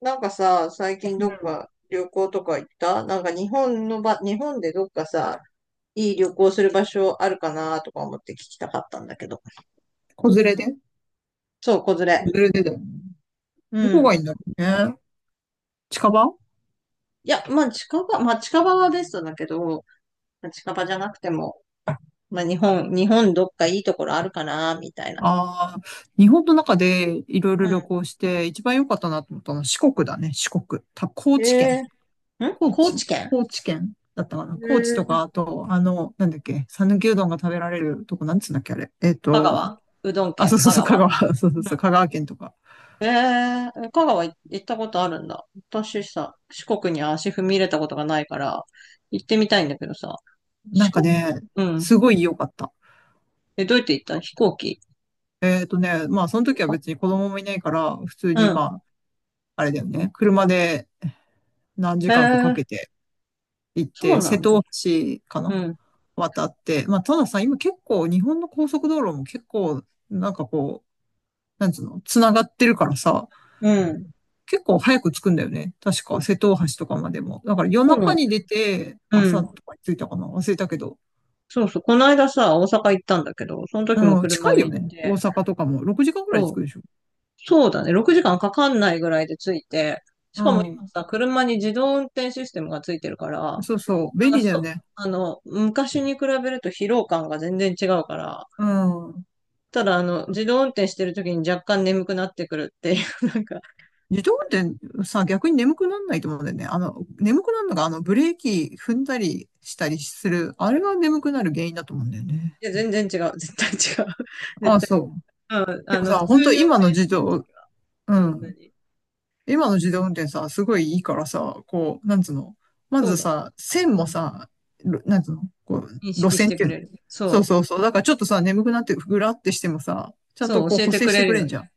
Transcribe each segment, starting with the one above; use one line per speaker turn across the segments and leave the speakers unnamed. なんかさ、最近
う
どっ
ん。
か旅行とか行ったなんか日本でどっかさ、いい旅行する場所あるかなとか思って聞きたかったんだけど。
子連れで
そう、子連れ。
子連れでだよね。ど
う
こが
ん。
いいんだろうね。近場。
いや、まあまあ近場はベストだけど、まあ、近場じゃなくても、まあ日本どっかいいところあるかなみたいな。
ああー、日本の中でいろいろ旅
う
行して一番良かったなと思ったのは四国だね、四国。高
ん。
知県。高
高知
知
県。
高知県だったかな、
え
高知とか、あ
ー、
と、なんだっけ、讃岐うどんが食べられるとこ、なんつうんだっけ、あれ。
香川うどん
あ、そ
県
うそう
香
そう、
川。
香川、そうそ
う
う
ん。
そう、香川県とか。
ええー、香川行ったことあるんだ。私さ、四国に足踏み入れたことがないから、行ってみたいんだけどさ、
なん
四
か
国、
ね、
うん。
すごい良かった。
え、どうやって行った？飛行機？
まあ、その時は別に子供もいないから、普通に
うん。
まあ、あれだよね、車で何
え
時
え
間かかけ
ー、
て、行っ
そ
て、
うな
瀬
ん
戸
だ。
大橋かな、
うん。
渡って。まあ、たださ、今結構日本の高速道路も結構、なんかこう、なんつうの、繋がってるからさ、
うん。
結構早く着くんだよね。確か、
そ
瀬戸大橋とかまでも。だから夜
そうな
中
ん
に
だよ。
出て、
う
朝
ん。
とかに着いたかな、忘れたけど。
そうそう。この間さ、大阪行ったんだけど、その時も
うん、
車
近い
で
よ
行っ
ね。大
て、
阪とかも。6時間くらい着
そ
く
う、
でしょ。
そうだね。6時間かんかかんないぐらいで着いて、し
う
かも今
ん。
さ、車に自動運転システムがついてるから、
そうそう。
なん
便
か
利だよ
そ
ね。
あの、昔に比べると疲労感が全然違うから、
うん。
ただ自動運転してる時に若干眠くなってくるっていう、なんか、
自動運転さ、逆に眠くなんないと思うんだよね。眠くなるのが、ブレーキ踏んだりしたりする、あれが眠くなる原因だと思うんだよね。
いや、全然違う、絶対違う。
あ
絶
あ、
対、
そう。
うん、
でもさ、
普
本
通
当
に運
今の
転し
自
てる
動、
時は、
う
うん、
ん。今の自動運転さ、すごいいいからさ、こう、なんつうの。ま
そう
ず
だね。
さ、線
う
も
ん、
さ、なんつうの、こう、
認
路
識し
線っ
て
てい
く
うの。
れる。
そう
そう、
そうそう。だからちょっとさ、眠くなって、ぐらってしてもさ、ちゃんと
そう、
こう
教え
補
て
正
く
して
れ
く
る
れ
よ
んじゃ
ね。
ん。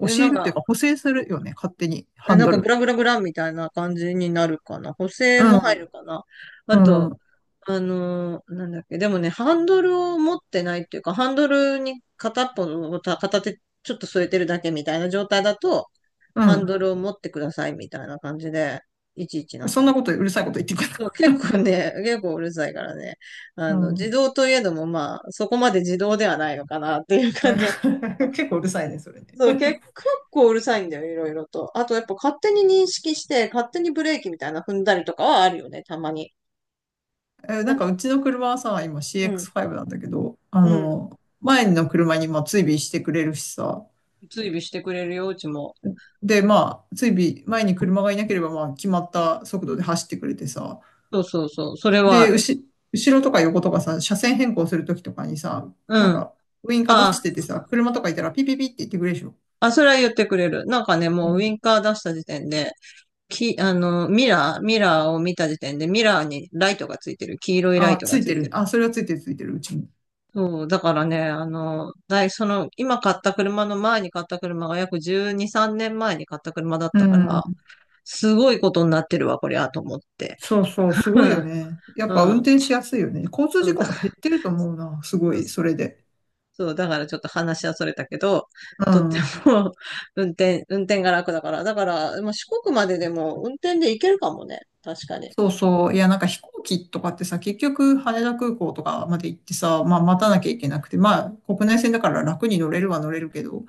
教
え、な
え
ん
るっていう
か、
か、補正するよね、勝手に、
え、
ハン
なん
ド
かグ
ル。
ラグラグラみたいな感じになるかな。補正
う
も入る
ん、
かな。あ
う
と、
ん、
なんだっけ、でもね、ハンドルを持ってないっていうか、ハンドルに片っぽの、た片手ちょっと添えてるだけみたいな状態だと、
う
ハン
ん。
ドルを持ってくださいみたいな感じで、いちいちなん
そ
か
ん
ね。
なことうるさいこと言ってくる
そう、結構ね、結構うるさいからね。
う
自
ん
動といえども、まあ、そこまで自動ではないのかなっていう 感じはする。
結構うるさいね、それね。
そう、結構うるさいんだよ、いろいろと。あと、やっぱ勝手に認識して、勝手にブレーキみたいな踏んだりとかはあるよね、たまに。な
なん
んか、
かうちの車はさ、今
うん、
CX5 なんだけど、
うん。
前の車にまあ追尾してくれるしさ、
追尾してくれるよ、うちも。
で、まあ、追尾、前に車がいなければまあ決まった速度で走ってくれてさ、
そうそうそう、それはあ
で、
る。
後ろとか横とかさ、車線変更するときとかにさ、な
う
ん
ん。
か、ウインカー出
あ
して
あ、
てさ、車とかいたらピピピって言ってくれるでしょ。
あ、それは言ってくれる。なんかね、
う
もうウ
ん。
ィンカー出した時点で、き、あの、ミラー、ミラーを見た時点で、ミラーにライトがついてる。黄色いライ
あ、
ト
つ
が
い
つ
て
い
る
て
ね。
る。
あ、それはついてるついてる、うちに。
そう、だからね、あの、だい、その、今買った車の前に買った車が約12、3年前に買った車だっ
う
たから、
ん。
すごいことになってるわ、これあと思って。
そうそう、す
う
ごいよ
ん。
ね。やっ
う
ぱ運
ん、
転しやすいよね。交通
そ
事
う
故
だ、
も減ってると思うな。すご
そう
い、
そ
そ
う。
れで。
そう、だからちょっと話はそれたけど、
う
とって
ん。
も 運転が楽だから。だから、まあ、四国まででも運転で行けるかもね。確かに。
そうそう。いや、なんか飛行機とかってさ、結局羽田空港とかまで行ってさ、まあ
う
待たなき
ん、
ゃいけなくて、まあ国内線だから楽に乗れるは乗れるけど、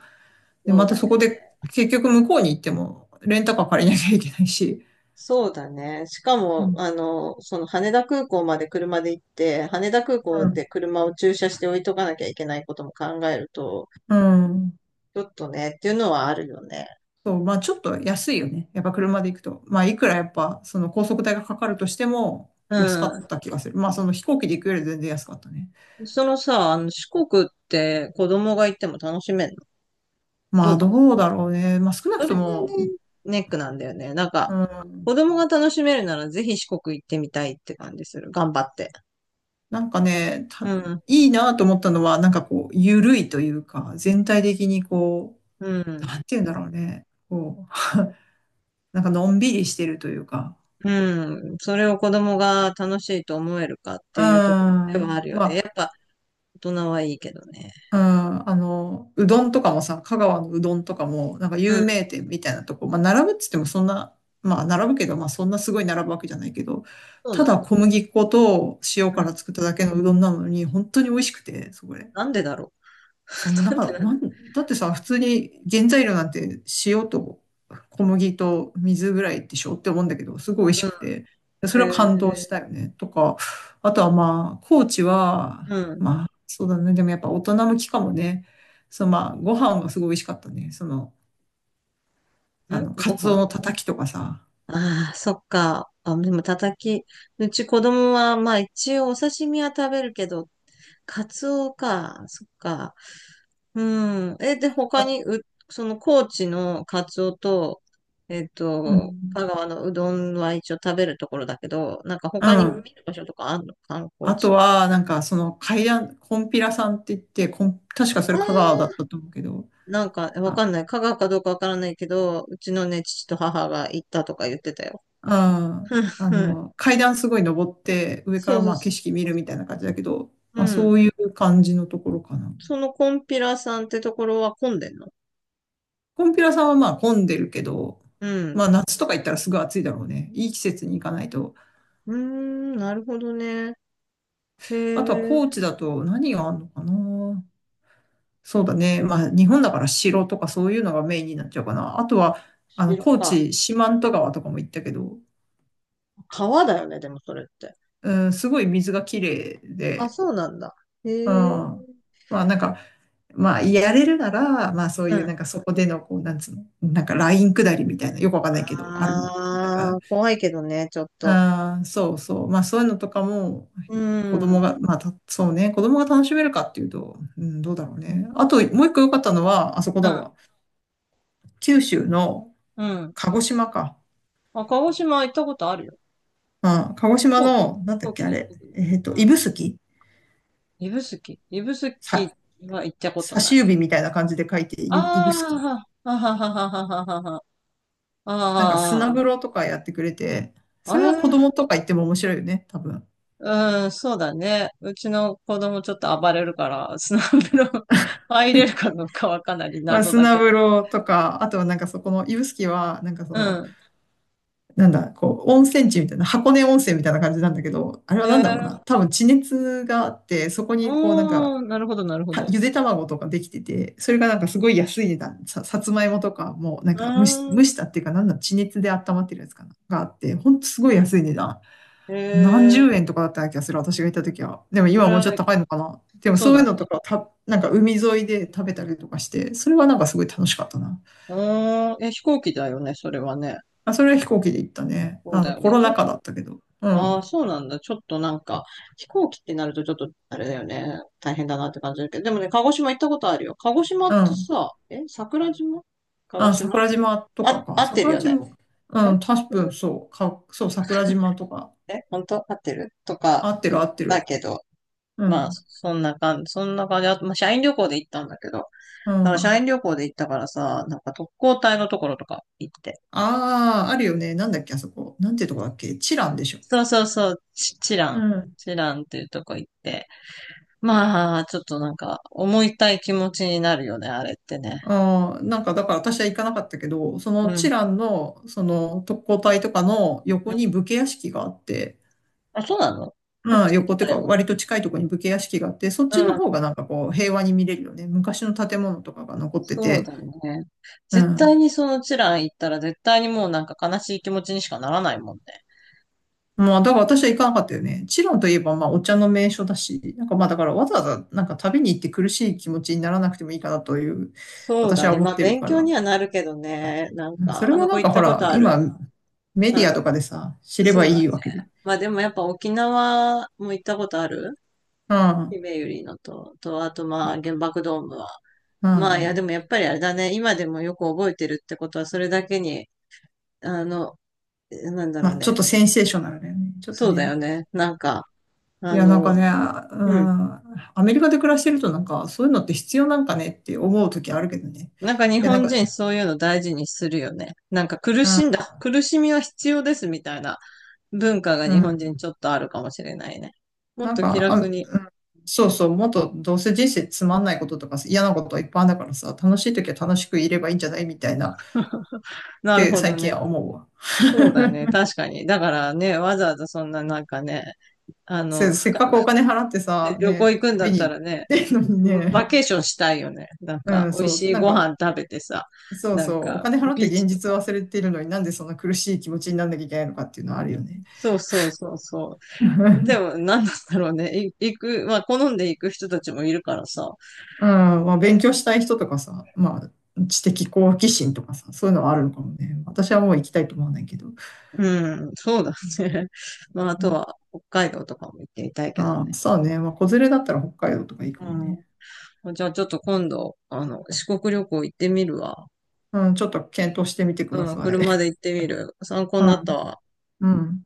で、
そう
また
だね。
そこで結局向こうに行ってもレンタカー借りなきゃいけないし。
そうだね。しか
う
も、
ん。
その羽田空港まで車で行って、羽田空
う
港
ん。
で車を駐車して置いとかなきゃいけないことも考えると、
うん、
ちょっとね、っていうのはあるよね。
そう、まあちょっと安いよね。やっぱ車で行くと。まあいくらやっぱその高速代がかかるとしても
う
安かっ
ん。
た気がする。まあその飛行機で行くより全然安かったね。
そのさ、あの四国って子供が行っても楽しめるの？
ま
どう
あ
かな？
どうだろうね。まあ少なく
それ
と
がね、
も、
ネックなんだよね。なんか、
うん、
子供が楽しめるならぜひ四国行ってみたいって感じする。頑張って。
なんかね、
うん、
いいなと思ったのはなんかこう、緩いというか、全体的にこ
う
う、
ん、
なんて言うんだろうね。こう、なんかのんびりしてるというか。
うん。それを子供が楽しいと思えるかっ
う
ていうところでは
ん。
あるよね。やっぱ大人はいいけどね。
うん、うどんとかもさ、香川のうどんとかも、なんか
う
有
ん、
名店みたいなとこ、まあ、並ぶっつってもそんな、まあ、並ぶけど、まあ、そんなすごい並ぶわけじゃないけど、
そう
た
な
だ
んだ。
小麦粉と塩
う
か
ん。
ら作っただけのうどんなのに、本当に美味しくて、そこで。
なんでだろう。
そう、なん
なんで
か、
なんだ
だってさ、普通に原材料なんて塩と小麦と水ぐらいでしょって思うんだけど、すごい美味し
ろ
く
う。
て、そ
うん。
れは感動し
え
たよね。とか、あとはまあ、高知は、
ー、
まあ、そうだね。でもやっぱ大人向きかもね。そう、まあ、ご飯がすごい美味しかったね。その、
うん。ん、
カ
ご
ツオ
飯。
のたたきとかさ。
ああ、そっか。あ、でも、たたき。うち子供は、まあ一応お刺身は食べるけど、カツオか。そっか。うん。え、で、他に、
か
う、その高知のカツオと、
うん。
香川のうどんは一応食べるところだけど、なんか
う
他に見
ん。
る場所とかあるの？観光
あ
地
と
とか？
は、なんか、その、海南、コンピラさんって言って、確かそ
あ
れ
ー、
香川だったと思うけど、
なんか、わかんない。香川かどうかわからないけど、うちのね、父と母が行ったとか言ってたよ。
ああ、階段すごい登って、上か
そう
ら
そう
まあ景
そ
色見るみたいな感じだけど、
う。う
まあ
ん。
そういう感じのところかな。
そのコンピラさんってところは混んでんの？
コンピラさんはまあ混んでるけど、
うん。
まあ夏とか行ったらすぐ暑いだろうね。いい季節に行かないと。
うーん、なるほどね。へ
あとは
え、
高知だと何があるのかな。そうだね。まあ日本だから城とかそういうのがメインになっちゃうかな。あとは、
白
高
か。
知、四万十川とかも行ったけど、
川だよね、でもそれって。
うん、すごい水が綺麗
あ、
で、
そうなんだ。へ
うん。
え。
まあなんか、まあ、やれるなら、まあ、そう
う
いう、
ん。
なんか、そこでの、こう、なんつうの、なんか、ライン下りみたいな、よくわかんないけど、あるの。なんか、
ああ、怖いけどね、ちょっと。
あーそうそう。まあ、そういうのとかも、
う
子供
ん。
が、まあ、そうね、子供が楽しめるかっていうと、うん、どうだろうね。あと、もう一個良かったのは、あそこ
う
だ
ん。
わ。九州の
うん。
鹿児島か。
あ、鹿児島行ったことあるよ。
うん、鹿児島の、な
飛
んだ
行
っ
機
け、あ
で行っ
れ。
てくる。うん。
指宿、
指宿
さ、
は行ったこと
差
な
し
い。
指みたいな感じで書いて、
あ
指宿。
あ、はははははははは。
なんか、砂風
あ
呂とかやってくれて、
あ、
そ
あ
れは子供
あ、
とか行っても面白いよね、多分。
うん、そうだね。うちの子供ちょっと暴れるから、スナップの入れるか どうかはかなり
まあ、
謎だ
砂
けど。
風呂とか、あとはなんかそこの指宿は、なんかそ
う
の、
ん。
なんだ、こう、温泉地みたいな、箱根温泉みたいな感じなんだけど、あれ
え
はなんだろうな、
ー、
多分地熱があって、そこにこうなんか、
おー、なるほど、なるほど。
ゆで卵とかできてて、それがなんかすごい安い値段、さつまいもとかもうなん
う
か蒸
ーん、
したっていうか、なんだ、地熱で温まってるやつかな、があって、ほんとすごい安い値段。
え
何
ー、
十円とかだった気がする、私が行った時は。でも
そ
今は
れ
もう
は、
ちょっと高いのかな。でも
そう
そういう
だね。
のとか、なんか海沿いで食べたりとかして、それはなんかすごい楽しかったな。
うーん、え、飛行機だよね、それはね。
あ、それは飛行機で行ったね。
そうだよ
コ
ね。
ロ
ちょ
ナ
っと
禍だったけど。う
あ
ん。
あそうなんだ。ちょっとなんか、飛行機ってなるとちょっと、あれだよね。大変だなって感じだけど。でもね、鹿児島行ったことあるよ。鹿児島っ
う
て
ん。
さ、え、桜島。鹿児
あ、
島。
桜島とか
あ、合
か。
ってる
桜
よね。
島。
え、
うん、多分そう。そう、桜島とか。
え、本当合ってると
合
か、
って
っ
る合って
た
る。
けど、
う
まあ、
ん。
そんな感じ、そんな感じ。あと、まあ、社員旅行で行ったんだけど、だ
う
から社
ん。
員旅行で行ったからさ、なんか特攻隊のところとか行って。
ああ、あるよね。なんだっけ、あそこ。なんていうとこだっけ。チランでしょ。
そうそうそう、チチラ
う
ン。
ん。
チランっていうとこ行って。まあ、ちょっとなんか、思いたい気持ちになるよね、あれってね。
ああ、なんかだから私は行かなかったけど、そ
う
のチ
ん。
ランの、その特攻隊とかの
う
横に
ん。
武家屋敷があって、
あ、そうなの？そっ
まあ、
ち行き
横ってい
た
うか、
いわ。
割と近いところに武家屋敷があって、そっ
う
ちの
ん。
方がなんかこう、平和に見れるよね。昔の建物とかが残って
そう
て。
だね。
う
絶対
ん。
にそのチラン行ったら絶対にもうなんか悲しい気持ちにしかならないもんね。
まあ、だから私は行かなかったよね。チロンといえば、まあ、お茶の名所だし、なんかまあ、だからわざわざ、なんか旅に行って苦しい気持ちにならなくてもいいかなという、
そう
私
だ
は
ね。
思
ま
っ
あ、
てる
勉
か
強
ら。
にはなるけどね。なん
うん、そ
か、
れ
あ
は
の
な
子
ん
行
か
っ
ほ
たこ
ら、
とある。
今、メデ
あ
ィア
の、
とかでさ、知れ
そ
ば
う
い
だ
い
ね。
わけで。
まあ、でもやっぱ沖縄も行ったことある。
うん。う
ひ
ん。
めゆりのと、あとまあ、原爆ドームは。
ま
まあ、いや、でもやっぱりあれだね。今でもよく覚えてるってことは、それだけに、あの、なんだろう
あ、ちょ
ね。
っとセンセーショナルだよね。ちょっと
そうだよ
ね。
ね。なんか、
い
あ
や、なんか
の、
ね、う
うん。
ん、アメリカで暮らしてるとなんか、そういうのって必要なんかねって思う時あるけどね。
なんか日
いや、なん
本人
か、
そういうの大事にするよね。なんか苦しんだ。苦しみは必要ですみたいな。文化が
う
日本人
ん、
ちょっとあるかもしれないね。もっ
なん
と気
か、あ、う
楽
ん、
に。
そうそう、もっとどうせ人生つまんないこととか嫌なことはいっぱいあるんだからさ、楽しい時は楽しくいればいいんじゃないみたいなっ
なる
て
ほど
最近
ね。
は思うわ。
そうだね。確かに。だからね、わざわざそんななんかね、あ
せ、
の、ふ
せっ
か
かくお金払って
で
さ、
旅行
ね、
行くんだっ
旅に
た
行っ
らね、
てんのに
バ
ね、
ケーションしたいよね。なん
う
か、
ん、
美味
そう、
しい
なん
ご
か、
飯食べてさ、
そう
なん
そう、お
か、
金払って
ビー
現
チと
実を
か。
忘れてるのになんでそんな苦しい気持ちになんなきゃいけないのかっていうのはあるよね。
そうそうそうそう。で も、なんだろうね。行く、まあ、好んで行く人たちもいるからさ。
うん、まあ、勉強したい人とかさ、まあ、知的好奇心とかさ、そういうのはあるのかもね。私はもう行きたいと思わないけど。
うん、そうだね。まあ、あ
う
と
ん、
は、北海道とかも行ってみたいけどね。
ああ、そうね。まあ、子連れだったら北海道とかいいかもね。
うん。じゃあちょっと今度、四国旅行行ってみるわ。
うん、ちょっと検討してみてくだ
うん、
さい。
車で行ってみる。参考になった
うん、
わ。
うん。